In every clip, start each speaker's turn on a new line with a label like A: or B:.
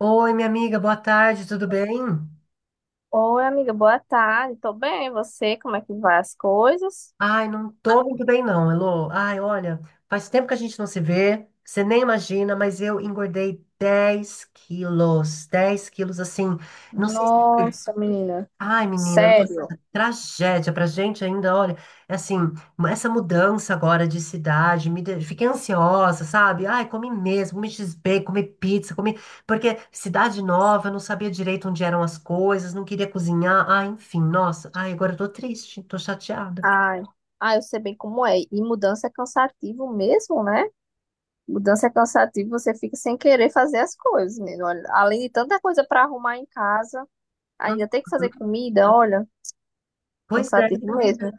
A: Oi, minha amiga, boa tarde, tudo bem?
B: Oi, amiga, boa tarde. Tô bem, e você? Como é que vai as coisas?
A: Ai, não tô muito bem não, Elô. Ai, olha, faz tempo que a gente não se vê, você nem imagina, mas eu engordei 10 quilos, 10 quilos assim, não sei.
B: Nossa, menina,
A: Ai, menina, nossa,
B: sério.
A: tragédia pra gente ainda, olha, é assim, essa mudança agora de cidade, fiquei ansiosa, sabe? Ai, comi mesmo, comi X b comi pizza, comi, porque cidade nova, eu não sabia direito onde eram as coisas, não queria cozinhar, ai, enfim, nossa, ai, agora eu tô triste, tô chateada.
B: Ai, ai, eu sei bem como é. E mudança é cansativo mesmo, né? Mudança é cansativo, você fica sem querer fazer as coisas, menina. Olha, além de tanta coisa pra arrumar em casa, ainda
A: Hum.
B: tem que fazer comida, olha,
A: Pois é.
B: cansativo mesmo.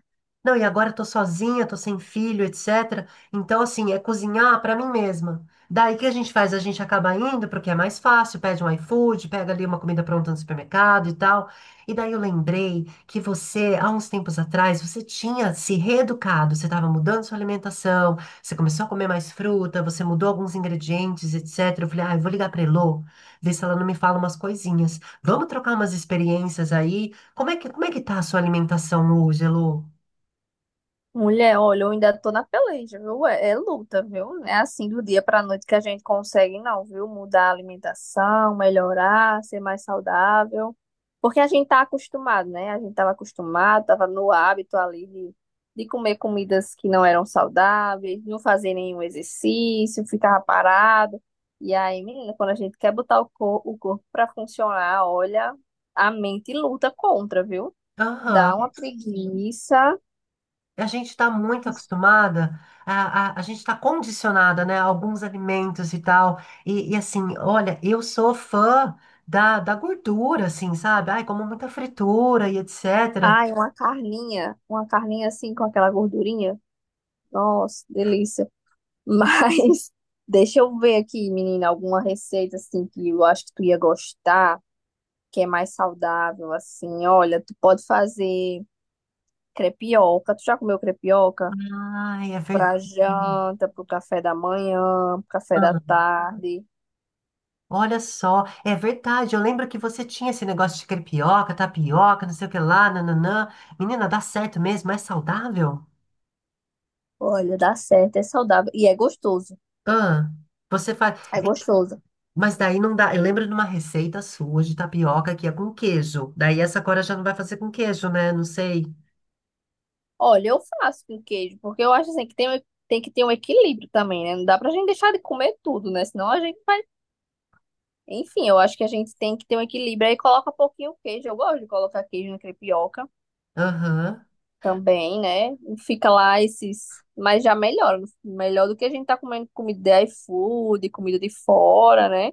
A: Não, e agora eu tô sozinha, tô sem filho, etc. Então, assim, é cozinhar pra mim mesma. Daí o que a gente faz? A gente acaba indo porque é mais fácil, pede um iFood, pega ali uma comida pronta no supermercado e tal. E daí eu lembrei que você, há uns tempos atrás, você tinha se reeducado, você estava mudando sua alimentação, você começou a comer mais fruta, você mudou alguns ingredientes, etc. Eu falei, ah, eu vou ligar pra Elô, ver se ela não me fala umas coisinhas. Vamos trocar umas experiências aí. Como é que tá a sua alimentação hoje, Elô?
B: Mulher, olha, eu ainda tô na peleja, viu? É luta, viu? Não é assim do dia pra noite que a gente consegue, não, viu? Mudar a alimentação, melhorar, ser mais saudável. Porque a gente tá acostumado, né? A gente tava acostumado, tava no hábito ali de comer comidas que não eram saudáveis, não fazer nenhum exercício, ficava parado. E aí, menina, quando a gente quer botar o corpo pra funcionar, olha, a mente luta contra, viu? Dá uma
A: Aham.
B: preguiça.
A: A gente está muito acostumada, a gente está condicionada, né, a alguns alimentos e tal. E assim, olha, eu sou fã da gordura, assim, sabe? Ai, como muita fritura e etc.
B: Ai, uma carninha assim com aquela gordurinha. Nossa, delícia. Mas deixa eu ver aqui, menina, alguma receita assim que eu acho que tu ia gostar, que é mais saudável assim. Olha, tu pode fazer crepioca. Tu já comeu crepioca?
A: Ai, é verdade.
B: Pra janta, pro café da manhã, pro café da tarde.
A: Olha só, é verdade. Eu lembro que você tinha esse negócio de crepioca, tapioca, não sei o que lá, nananã. Menina, dá certo mesmo? É saudável?
B: Olha, dá certo, é saudável e é gostoso.
A: Ah, você faz.
B: É gostoso.
A: Mas daí não dá. Eu lembro de uma receita sua de tapioca que é com queijo. Daí essa agora já não vai fazer com queijo, né? Não sei.
B: Olha, eu faço com queijo, porque eu acho assim que tem, tem que ter um equilíbrio também, né? Não dá pra gente deixar de comer tudo, né? Senão a gente vai. Enfim, eu acho que a gente tem que ter um equilíbrio. Aí coloca um pouquinho queijo. Eu gosto de colocar queijo na crepioca
A: Aham,
B: também, né? E fica lá esses. Mas já melhora. Melhor do que a gente tá comendo comida de iFood, comida de fora, né?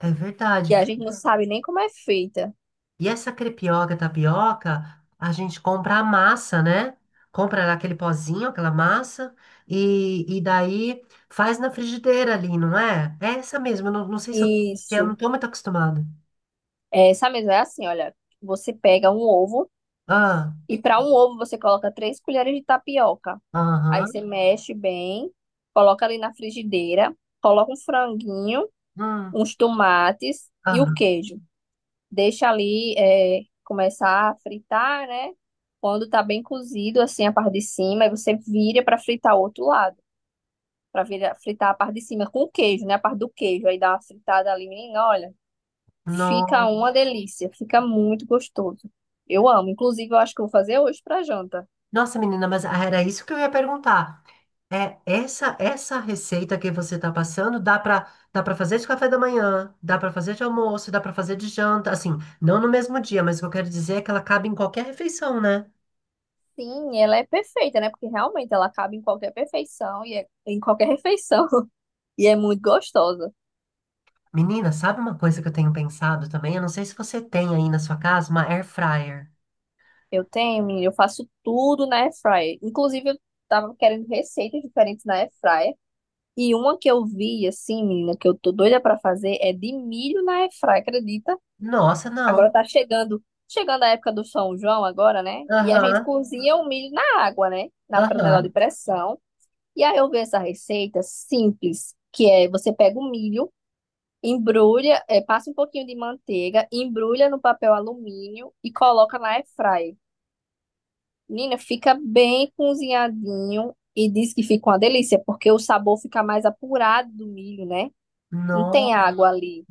A: é verdade.
B: Que a gente não sabe nem como é feita.
A: E essa crepioca, tapioca, a gente compra a massa, né? Compra aquele pozinho, aquela massa, e daí faz na frigideira ali, não é? É essa mesmo. Eu não sei se eu não
B: Isso.
A: tô muito acostumada.
B: Essa mesa é assim, olha. Você pega um ovo.
A: Ah,
B: E para um ovo, você coloca 3 colheres de tapioca. Aí você
A: aham,
B: mexe bem, coloca ali na frigideira, coloca um franguinho,
A: hum,
B: uns tomates e o
A: aham.
B: queijo. Deixa ali é, começar a fritar, né? Quando tá bem cozido, assim, a parte de cima, aí você vira para fritar o outro lado. Para fritar a parte de cima com o queijo, né? A parte do queijo. Aí dá uma fritada ali, menina, olha. Fica
A: No-
B: uma delícia, fica muito gostoso. Eu amo. Inclusive, eu acho que eu vou fazer hoje para janta.
A: Nossa, menina, mas era isso que eu ia perguntar. É, essa receita que você está passando dá para fazer de café da manhã, dá para fazer de almoço, dá para fazer de janta, assim, não no mesmo dia, mas o que eu quero dizer é que ela cabe em qualquer refeição, né?
B: Sim, ela é perfeita, né? Porque realmente ela cabe em qualquer perfeição e é, em qualquer refeição e é muito gostosa.
A: Menina, sabe uma coisa que eu tenho pensado também? Eu não sei se você tem aí na sua casa uma air fryer.
B: Eu tenho, menina, eu faço tudo na airfryer. Inclusive, eu tava querendo receitas diferentes na airfryer e uma que eu vi assim, menina, que eu tô doida pra fazer é de milho na airfryer, acredita?
A: Nossa,
B: Agora
A: não.
B: tá chegando, chegando a época do São João agora, né? E a gente
A: Aham,
B: cozinha o milho na água, né? Na panela de
A: aham.
B: pressão. E aí eu vi essa receita simples, que é você pega o milho, embrulha, é, passa um pouquinho de manteiga, embrulha no papel alumínio e coloca na air fryer. Menina, fica bem cozinhadinho e diz que fica uma delícia, porque o sabor fica mais apurado do milho, né? Não tem
A: Nossa.
B: água ali.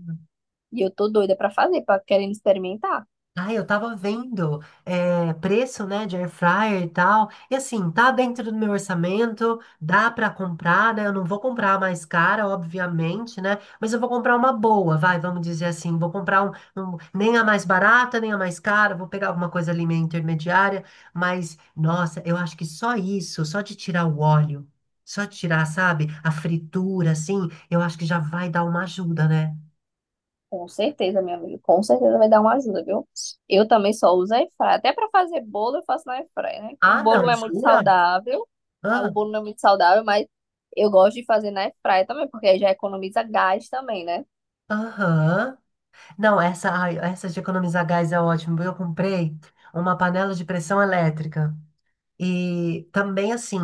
B: E eu tô doida pra fazer, pra querendo experimentar.
A: Ah, eu tava vendo preço, né, de air fryer e tal. E assim, tá dentro do meu orçamento, dá pra comprar, né? Eu não vou comprar a mais cara, obviamente, né? Mas eu vou comprar uma boa, vai, vamos dizer assim. Vou comprar nem a mais barata, nem a mais cara. Vou pegar alguma coisa ali meio intermediária. Mas, nossa, eu acho que só isso, só de tirar o óleo, só de tirar, sabe, a fritura, assim, eu acho que já vai dar uma ajuda, né?
B: Com certeza, minha amiga. Com certeza vai dar uma ajuda, viu? Eu também só uso air fryer. Até para fazer bolo, eu faço na air fryer, né? O
A: Ah,
B: bolo não
A: não,
B: é muito
A: jura?
B: saudável. O
A: Ah,
B: bolo não é muito saudável, mas eu gosto de fazer na air fryer também, porque aí já economiza gás também, né?
A: aham. Não, essa, ai, essa de economizar gás é ótimo. Eu comprei uma panela de pressão elétrica. E também assim,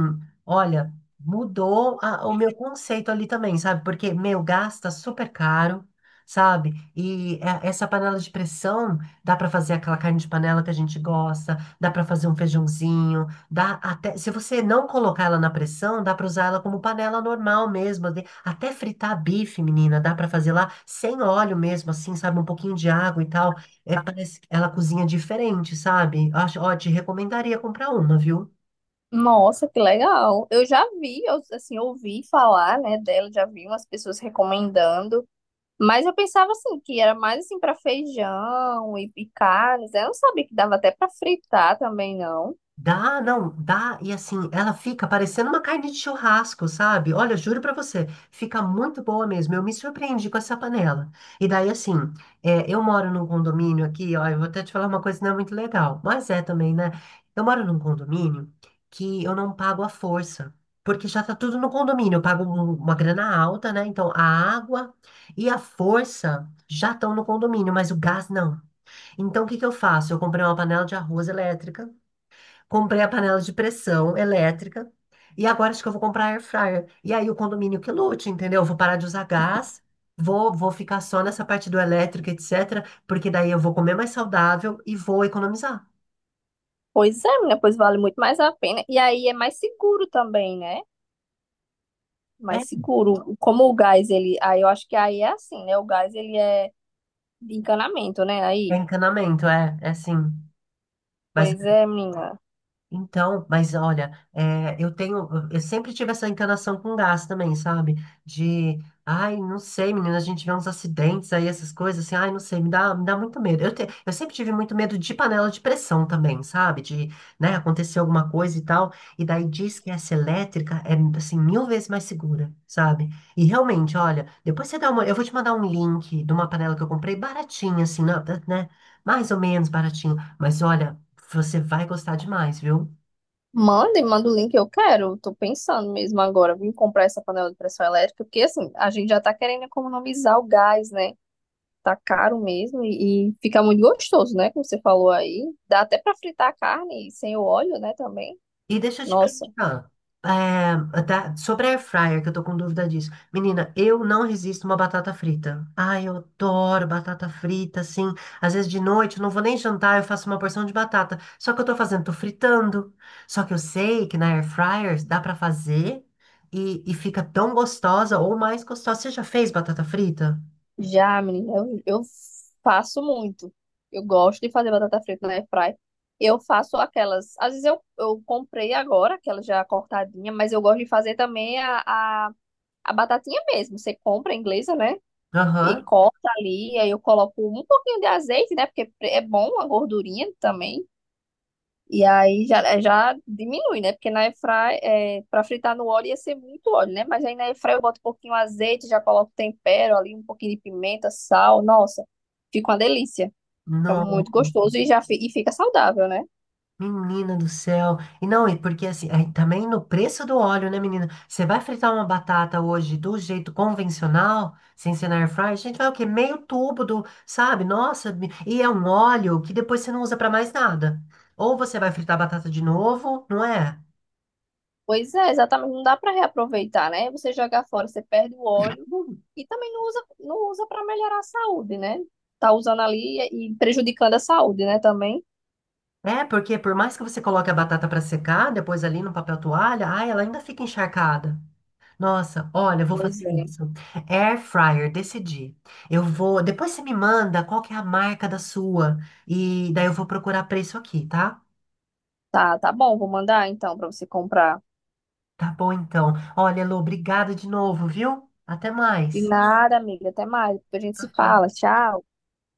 A: olha, mudou o meu conceito ali também, sabe? Porque, meu, gasta super caro, sabe? E essa panela de pressão dá pra fazer aquela carne de panela que a gente gosta, dá pra fazer um feijãozinho, dá até, se você não colocar ela na pressão, dá pra usar ela como panela normal mesmo, até fritar bife, menina, dá pra fazer lá sem óleo mesmo, assim, sabe? Um pouquinho de água e tal. É, parece que ela cozinha diferente, sabe? Acho, ó, te recomendaria comprar uma, viu?
B: Nossa, que legal. Eu já vi, eu, assim, ouvi falar, né, dela, já vi umas pessoas recomendando. Mas eu pensava assim que era mais assim para feijão e carnes, né? Eu não sabia que dava até para fritar também, não.
A: Dá, não, dá, e assim, ela fica parecendo uma carne de churrasco, sabe? Olha, juro pra você, fica muito boa mesmo. Eu me surpreendi com essa panela. E daí, assim, é, eu moro num condomínio aqui, ó, eu vou até te falar uma coisa que não é muito legal, mas é também, né? Eu moro num condomínio que eu não pago à força, porque já tá tudo no condomínio. Eu pago uma grana alta, né? Então, a água e a força já estão no condomínio, mas o gás não. Então, o que que eu faço? Eu comprei uma panela de arroz elétrica. Comprei a panela de pressão elétrica. E agora acho que eu vou comprar air fryer. E aí o condomínio que lute, entendeu? Eu vou parar de usar gás, vou ficar só nessa parte do elétrico, etc. Porque daí eu vou comer mais saudável e vou economizar.
B: Pois é, menina, pois vale muito mais a pena. E aí é mais seguro também, né?
A: É,
B: Mais seguro. Como o gás, ele. Aí eu acho que aí é assim, né? O gás, ele é de encanamento, né?
A: é
B: Aí.
A: encanamento, é assim. Mas
B: Pois é, menina.
A: então, mas olha, é, eu tenho, eu sempre tive essa encanação com gás também, sabe? De, ai, não sei, menina, a gente vê uns acidentes aí, essas coisas, assim, ai, não sei, me dá muito medo. Eu, eu sempre tive muito medo de panela de pressão também, sabe? De, né, acontecer alguma coisa e tal, e daí diz que essa elétrica é, assim, mil vezes mais segura, sabe? E realmente, olha, depois você dá uma, eu vou te mandar um link de uma panela que eu comprei baratinha, assim, né? Mais ou menos baratinho. Mas olha, você vai gostar demais, viu?
B: Manda e manda o link, eu quero. Tô pensando mesmo agora, vim comprar essa panela de pressão elétrica, porque assim, a gente já tá querendo economizar o gás, né? Tá caro mesmo e fica muito gostoso, né? Como você falou aí. Dá até pra fritar a carne sem o óleo, né? Também.
A: E deixa eu te
B: Nossa.
A: perguntar, é, sobre a air fryer, que eu tô com dúvida disso. Menina, eu não resisto a uma batata frita. Ai, eu adoro batata frita, assim. Às vezes de noite eu não vou nem jantar, eu faço uma porção de batata. Só que eu tô fazendo, tô fritando. Só que eu sei que na air fryer dá pra fazer e fica tão gostosa ou mais gostosa. Você já fez batata frita?
B: Já, menina, eu faço muito. Eu gosto de fazer batata frita na airfry. Eu faço aquelas. Às vezes eu comprei agora, aquela já cortadinha, mas eu gosto de fazer também a batatinha mesmo. Você compra a inglesa, né? E
A: Aham.
B: corta ali, aí eu coloco um pouquinho de azeite, né? Porque é bom a gordurinha também. E aí já diminui, né? Porque na airfry, é, para fritar no óleo ia ser muito óleo, né? Mas aí na airfry eu boto um pouquinho de azeite, já coloco tempero ali, um pouquinho de pimenta, sal. Nossa, fica uma delícia. Fica muito
A: Nossa.
B: gostoso e já e fica saudável, né?
A: Menina do céu. E não, e porque assim, aí também no preço do óleo, né, menina? Você vai fritar uma batata hoje do jeito convencional, sem ser na air fryer, gente vai o quê? Meio tubo do, sabe? Nossa, e é um óleo que depois você não usa pra mais nada. Ou você vai fritar a batata de novo, não é?
B: Pois é, exatamente. Não dá para reaproveitar, né? Você jogar fora, você perde o óleo
A: Hum.
B: e também não usa, não usa para melhorar a saúde, né? Tá usando ali e prejudicando a saúde, né? Também.
A: É, porque por mais que você coloque a batata pra secar, depois ali no papel toalha, ai, ela ainda fica encharcada. Nossa, olha, eu vou
B: Pois
A: fazer
B: é.
A: isso. Air fryer, decidi. Eu vou. Depois você me manda qual que é a marca da sua. E daí eu vou procurar preço aqui, tá?
B: Tá, tá bom, vou mandar então para você comprar.
A: Tá bom, então. Olha, Elô, obrigada de novo, viu? Até
B: De
A: mais.
B: nada, amiga. Até mais. Depois a gente
A: Tchau,
B: se
A: tchau.
B: fala. Tchau.